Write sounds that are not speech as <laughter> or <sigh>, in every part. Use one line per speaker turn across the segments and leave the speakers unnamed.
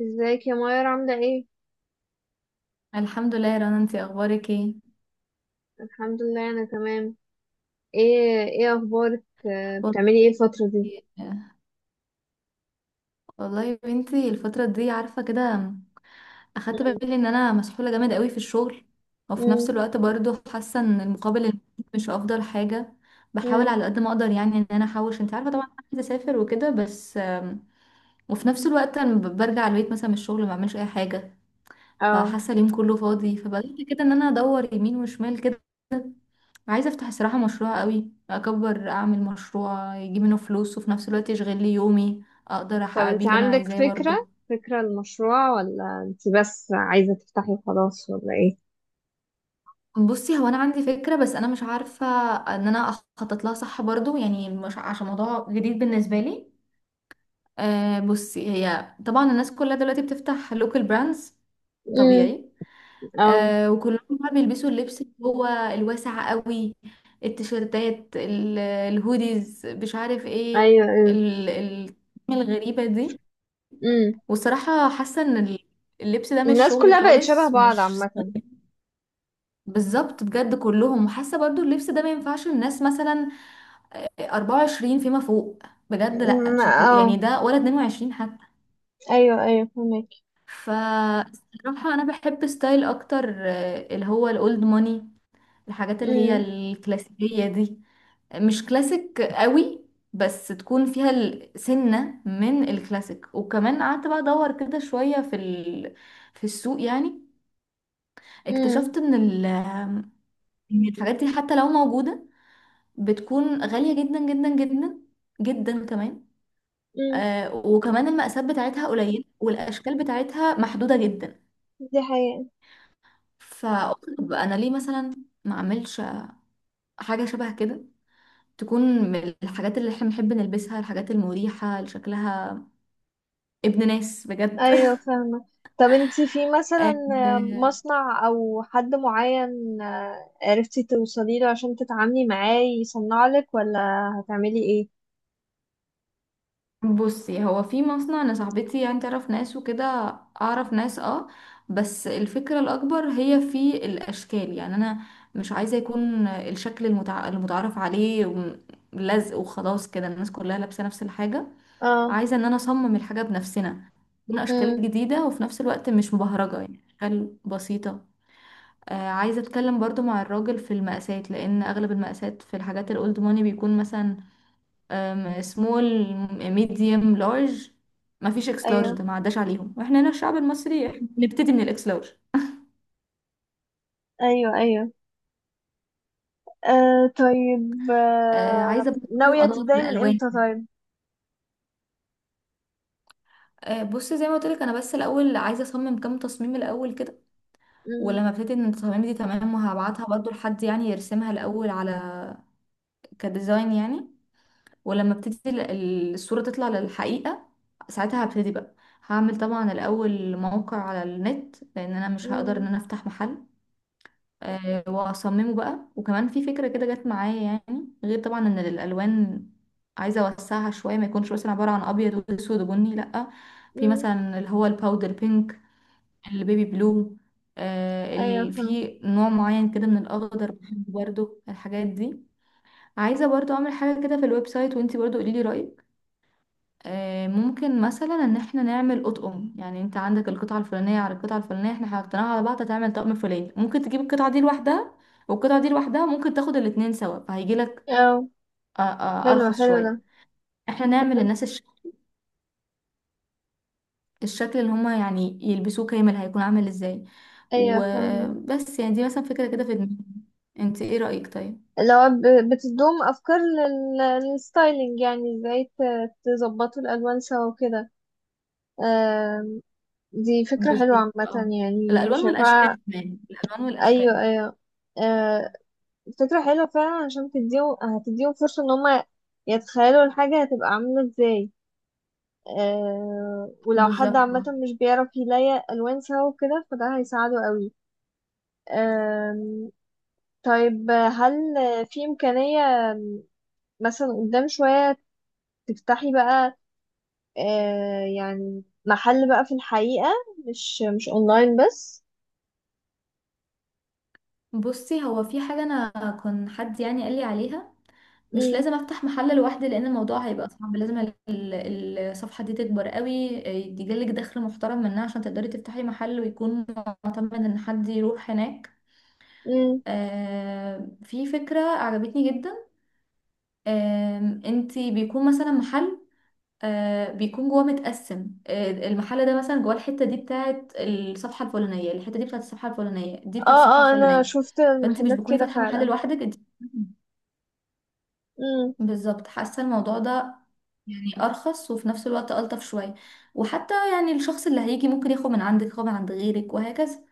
ازيك يا ماير، عاملة ايه؟
الحمد لله يا رنا، انتي اخبارك ايه؟
الحمد لله، انا تمام. ايه اخبارك،
والله.
بتعملي ايه الفترة دي؟
والله يا بنتي الفتره دي عارفه كده، اخدت
مم.
بالي ان انا مسحوله جامد قوي في الشغل، وفي نفس
مم.
الوقت برضو حاسه ان المقابل المادي مش افضل حاجه. بحاول
مم.
على قد ما اقدر يعني ان انا احوش، انت عارفه طبعا انا عايزه اسافر وكده، بس وفي نفس الوقت انا برجع البيت مثلا من الشغل ما بعملش اي حاجه،
اه.
فحاسه اليوم كله فاضي، فبدات كده ان انا ادور يمين وشمال كده. عايزة افتح الصراحة مشروع قوي اكبر، اعمل مشروع يجيب منه فلوس وفي نفس الوقت يشغل لي يومي، اقدر
طب
احقق بيه
انت
اللي انا
عندك
عايزاه
فكرة،
برضو.
فكرة المشروع ولا انت بس عايزة تفتحي خلاص ولا ايه؟
بصي، هو انا عندي فكرة، بس انا مش عارفة ان انا اخطط لها صح برضو، يعني مش عشان موضوع جديد بالنسبة لي. أه بصي، هي طبعا الناس كلها دلوقتي بتفتح لوكال براندز،
مم.
طبيعي.
اه.
أه وكلهم بقى بيلبسوا اللبس اللي هو الواسع قوي، التيشيرتات الهوديز مش عارف ايه،
ايوه، ايوه.
ال- ال- الغريبة دي.
مم.
والصراحة حاسة ان اللبس ده مش
الناس
شغلي
كلها بقت شبه
خالص،
بعض
ومش
عامة.
بالظبط بجد كلهم. وحاسة برضو اللبس ده ما ينفعش الناس مثلا 24 فيما فوق، بجد لا
مم.
شكله يعني
اه.
ده، ولا 22 حتى.
ايوه، ايوه، فهمك.
فالصراحة انا بحب ستايل اكتر اللي هو الاولد ماني، الحاجات اللي هي
مم.
الكلاسيكية دي، مش كلاسيك قوي، بس تكون فيها سنة من الكلاسيك. وكمان قعدت بقى ادور كده شوية في في السوق يعني،
مم.
اكتشفت ان إن الحاجات دي حتى لو موجودة بتكون غالية جدا جدا جدا جدا كمان.
مم.
آه وكمان المقاسات بتاعتها قليلة، والأشكال بتاعتها محدودة جدا.
دي حقيقة.
فقلت طب أنا ليه مثلا ما أعملش حاجة شبه كده، تكون من الحاجات اللي احنا بنحب نلبسها، الحاجات المريحة اللي شكلها ابن ناس بجد.
ايوه، فاهمة. طب انتي في
<laughs>
مثلا
آه،
مصنع او حد معين، عرفتي توصلي له عشان تتعاملي معاه يصنع لك، ولا هتعملي ايه؟
بصي، هو في مصنع، انا صاحبتي يعني تعرف ناس وكده، اعرف ناس اه. بس الفكرة الاكبر هي في الاشكال، يعني انا مش عايزة يكون الشكل المتعارف عليه، لزق وخلاص كده الناس كلها لابسة نفس الحاجة.
اه.
عايزة ان انا اصمم الحاجة بنفسنا، تكون اشكال
امم.
جديدة، وفي نفس الوقت مش مبهرجة يعني، اشكال بسيطة. آه، عايزة اتكلم برضو مع الراجل في المقاسات، لان اغلب المقاسات في الحاجات الاولد ماني بيكون مثلا سمول، ميديوم، لارج، ما فيش اكس لارج،
ايوه،
ده ما عداش عليهم، واحنا هنا الشعب المصري إحنا بنبتدي من الاكس لارج.
ايوه. ايوه. آه، طيب.
آه عايزه برضه
ناوية
ادور في
تبداي من
الالوان.
امتى طيب؟
آه، بص زي ما قلت لك، انا بس الاول عايزه اصمم كام تصميم الاول كده،
امم.
ولما ابتدي ان التصاميم دي تمام، وهبعتها برضه لحد يعني يرسمها الاول على كديزاين يعني، ولما ابتدي الصوره تطلع للحقيقه، ساعتها هبتدي بقى. هعمل طبعا الاول موقع على النت، لان انا مش هقدر ان
امم.
انا افتح محل. واصممه بقى. وكمان في فكره كده جت معايا، يعني غير طبعا ان الالوان عايزه اوسعها شويه، ما يكونش مثلا عباره عن ابيض واسود وبني، لا، في
امم
مثلا اللي هو الباودر بينك، البيبي بلو،
ايوه فاهمة
في نوع معين كده من الاخضر بحبه برضه، الحاجات دي. عايزه برضه اعمل حاجه كده في الويب سايت، وانتي برضه قولي لي رايك. ممكن مثلا ان احنا نعمل اطقم، يعني انت عندك القطعه الفلانيه على القطعه الفلانيه، احنا حطيناها على بعض هتعمل طقم فلاني، ممكن تجيب القطعه دي لوحدها والقطعه دي لوحدها، ممكن تاخد الاتنين سوا فهيجي لك
اه حلو
ارخص
حلو ده
شويه. احنا نعمل للناس الشكل اللي هما يعني يلبسوه كامل هيكون عامل ازاي.
ايوه فاهمة
وبس يعني دي مثلا فكره كده في دماغي، انت ايه رايك طيب؟
لو ب- بتدوم افكار لل- للستايلينج يعني ازاي ت- تظبطوا الالوان سوا وكده آم، دي فكرة حلوة
بالظبط
عامة
اه،
يعني
الالوان
شايفاها
والاشكال، كمان الالوان
أيوة
والاشكال.
أيوة آه، فكرة حلوة فعلا عشان تديهم هتديهم فرصة إن هما يتخيلوا الحاجة هتبقى عاملة ازاي آه، ولو حد
بالظبط.
عامة مش بيعرف يلاقي ألوان سوا وكده فده هيساعده قوي آم، طيب هل في إمكانية مثلا قدام شوية تفتحي بقى آه، يعني محل بقى في الحقيقة مش مش أونلاين بس
بصي هو في حاجة أنا كان حد يعني قال لي عليها، مش
مم.
لازم افتح محل لوحدي، لان الموضوع هيبقى صعب، لازم الصفحة دي تكبر قوي، يجيلك دخل محترم منها عشان تقدري تفتحي محل، ويكون معتمد ان حد يروح هناك.
مم.
في فكرة عجبتني جدا. انتي بيكون مثلا محل، بيكون جواه متقسم، المحل ده مثلا جواه الحتة دي بتاعت الصفحة الفلانية، الحتة دي بتاعت الصفحة الفلانية، دي بتاعت
اه
الصفحة
اه انا
الفلانية،
شفت
فانت مش
محلات
بتكوني
كده
فاتحة محل
فعلا
لوحدك انت،
امم
بالظبط. حاسة الموضوع ده يعني ارخص، وفي نفس الوقت الطف شويه، وحتى يعني الشخص اللي هيجي ممكن ياخد من عندك، ياخد من عند غيرك، وهكذا.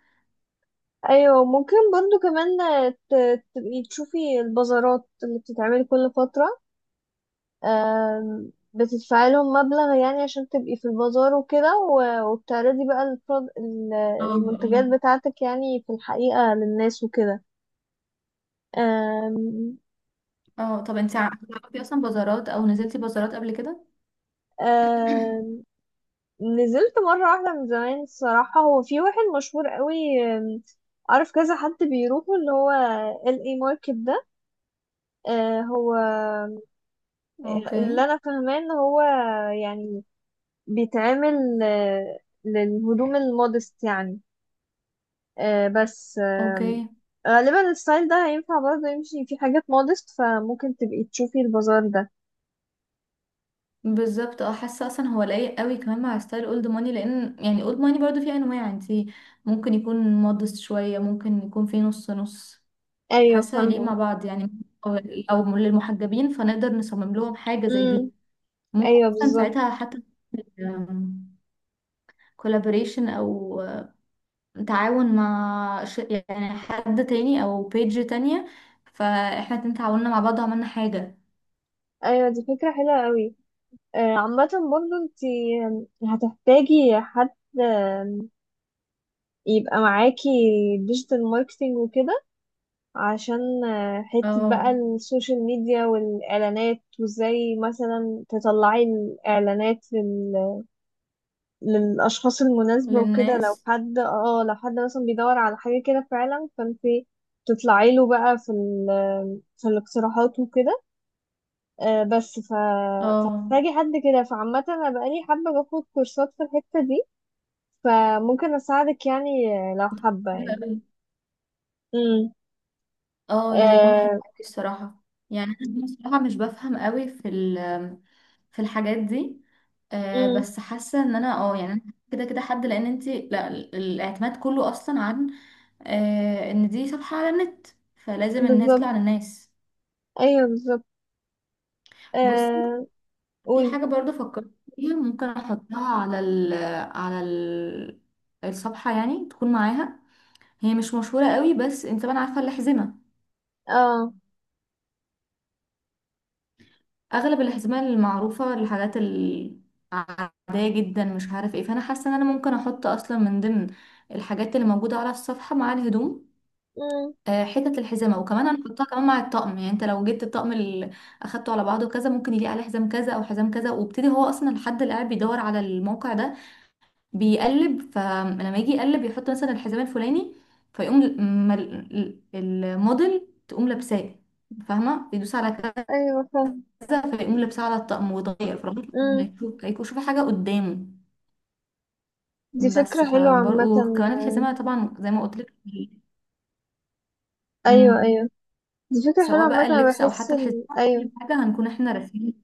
ايوه ممكن برضو كمان آه، ت- تبقي تشوفي البازارات اللي بتتعمل كل فترة آم، بتدفعي لهم مبلغ يعني عشان تبقي في البازار وكده و- وبتعرضي بقى البرو- ال-
اه اه
المنتجات بتاعتك يعني في الحقيقة للناس وكده آم،
اه. طب انت بتعرفي اصلا بازارات، او نزلتي بازارات قبل كده؟ <clears throat>
آم، نزلت مرة واحدة من زمان الصراحة هو في واحد مشهور قوي آم، اعرف كذا حد بيروحوا اللي هو ال اي ماركت ده. آه، هو آه،
اوكي.
اللي انا فاهماه ان هو يعني بيتعمل آه، للهدوم المودست يعني آه، بس آم،
اوكي.
غالبا الستايل ده هينفع برضه يمشي في حاجات مودست فممكن تبقي تشوفي البازار ده
بالظبط اه، حاسه اصلا هو لايق قوي كمان مع ستايل اولد ماني، لان يعني اولد ماني برضو فيه انواع، انت ممكن يكون مودست شويه، ممكن يكون فيه نص نص.
ايوه
حاسه هيليق مع
فاهمه
بعض يعني. او أو للمحجبين، فنقدر نصمم لهم حاجه زي
امم
دي. ممكن
ايوه،
اصلا
بالظبط.
ساعتها حتى كولابوريشن او تعاون مع يعني حد تاني، او بيج تانية، فاحنا الاتنين تعاوننا مع بعض وعملنا حاجة.
ايوه، دي فكره حلوه قوي. عامه برضه انت هتحتاجي حد، آم، يبقى معاكي ديجيتال ماركتينج وكده، عشان حتة بقى
اه،
السوشيال ميديا والإعلانات، وإزاي مثلا تطلعي الإعلانات للأشخاص المناسبة وكده،
للناس.
لو حد مثلا بيدور على حاجة كده فعلا، فانت تطلعي له بقى في في الاقتراحات وكده. بس
اه،
فمحتاجة حد كده. فعامة أنا بقالي حابة باخد كورسات في الحتة دي، فممكن أساعدك يعني، لو حابة
حلو
يعني.
قوي.
امم.
اه ده هيكون حلو
آه،
قوي الصراحة. يعني انا بصراحة مش بفهم قوي في في الحاجات دي. آه
امم.
بس حاسة ان انا اه يعني أنا كده كده حد، لان انتي لا، الاعتماد كله اصلا عن آه ان دي صفحة على النت، فلازم ان هي
بالظبط،
تطلع للناس.
ايوه، بالظبط.
بص،
آه،
في
قولي.
حاجة برضو فكرت فيها ممكن أحطها على ال الصفحة، يعني تكون معاها. هي مش مشهورة قوي، بس انت طبعا عارفة الأحزمة،
اه.
أغلب الأحزمة المعروفة الحاجات العادية جدا مش عارف ايه، فأنا حاسة إن أنا ممكن أحط أصلا من ضمن الحاجات اللي موجودة على الصفحة مع الهدوم،
مم.
حتت الحزمة، وكمان هنحطها كمان مع الطقم، يعني انت لو جبت الطقم اللي أخدته على بعضه كذا، ممكن يليق عليه حزام كذا أو حزام كذا. وابتدي هو أصلا الحد اللي قاعد بيدور على الموقع ده بيقلب، فلما يجي يقلب يحط مثلا الحزام الفلاني، فيقوم الموديل تقوم لابساه، فاهمة، يدوس على
ايوه، فاهم.
كذا فيقوم لابساه على الطقم ويتغير، فالراجل
مم.
هيشوف، هيكون شوف حاجة قدامه.
دي
بس
فكرة حلوة
فبرضه
عامة.
وكمان الحزامة طبعا زي ما قلت لك.
ايوه،
امم.
ايوه، دي فكرة حلوة
سواء
عامة.
بقى
انا
اللبس او
بحس
حتى الحزامة،
ايوه.
كل حاجة هنكون احنا راسمين.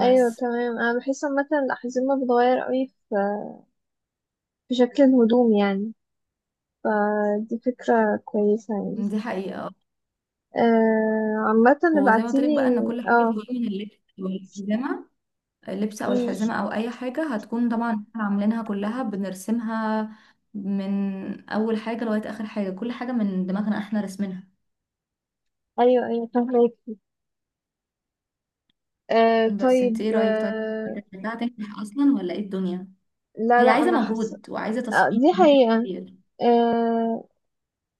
ايوه،
بس.
تمام، انا بحس عامة الأحزمة بتتغير قوي في شكل الهدوم يعني، فدي فكرة كويسة يعني.
دي حقيقة.
آه، عامة
وزي ما قلت لك
ابعتيلي.
بقى ان كل حاجة
اه.
بتيجي من اللبس والحزامة، اللبس او
مم.
الحزمه او اي حاجه هتكون مم. طبعا إحنا عاملينها كلها بنرسمها من اول حاجه لغايه اخر حاجه، كل حاجه من دماغنا احنا رسمينها.
ايوه، ايوه، فهماكي. آه،
بس انت
طيب.
ايه رايك طيب؟ انت شايفاها هتنجح اصلا، ولا ايه الدنيا؟
لا،
هي
لا،
عايزه
انا حاسة.
مجهود وعايزه
آه،
تصميم
دي حقيقة.
كتير.
آه،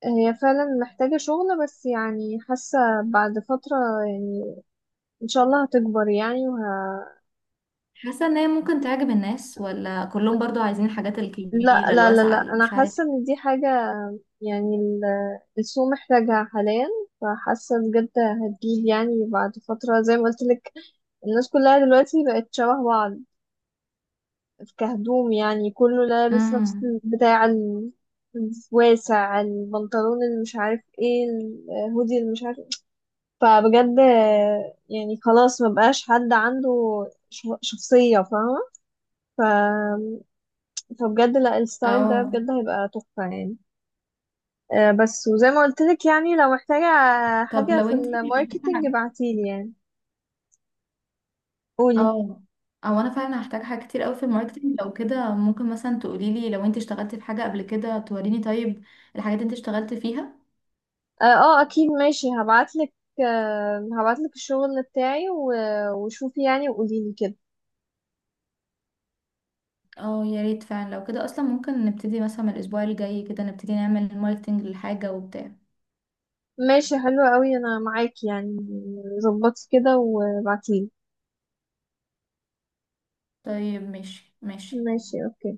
هي فعلا محتاجة شغل، بس يعني حاسة بعد فترة يعني إن شاء الله هتكبر يعني
حاسه ان هي ممكن تعجب الناس، ولا كلهم برضو عايزين الحاجات
لا،
الكبيره
لا، لا،
الواسعه
لا،
اللي
أنا
مش عارف.
حاسة إن دي حاجة، يعني السوق محتاجها حاليا، فحاسة بجد هتجيب يعني بعد فترة زي ما قلت لك. الناس كلها دلوقتي بقت شبه بعض كهدوم، يعني كله لابس نفس
امم
البتاع الواسع، البنطلون اللي مش عارف ايه، الهودي اللي مش عارف. فبجد يعني خلاص مبقاش حد عنده شخصية، فاهمة. ف... فبجد لا، الستايل ده
اه.
بجد هيبقى تحفة يعني. بس وزي ما قلت لك يعني، لو محتاجة
طب
حاجة
لو
في
انت
الماركتينج ابعتيلي يعني. قولي.
اه، او انا فعلا هحتاج حاجات كتير قوي في الماركتينج، لو كده ممكن مثلا تقولي لي لو انت اشتغلتي في حاجه قبل كده توريني طيب الحاجات اللي انت اشتغلتي فيها.
اه. اكيد، ماشي، هبعتلك. هبعتلك الشغل بتاعي و- وشوفي يعني وقوليلي كده.
اه يا ريت، فعلا لو كده اصلا ممكن نبتدي مثلا من الاسبوع الجاي كده نبتدي نعمل ماركتينج للحاجه وبتاع.
ماشي، حلوة قوي، انا معاكي يعني. ظبطي كده وابعتيلي.
طيب ماشي ماشي.
ماشي. اوكي.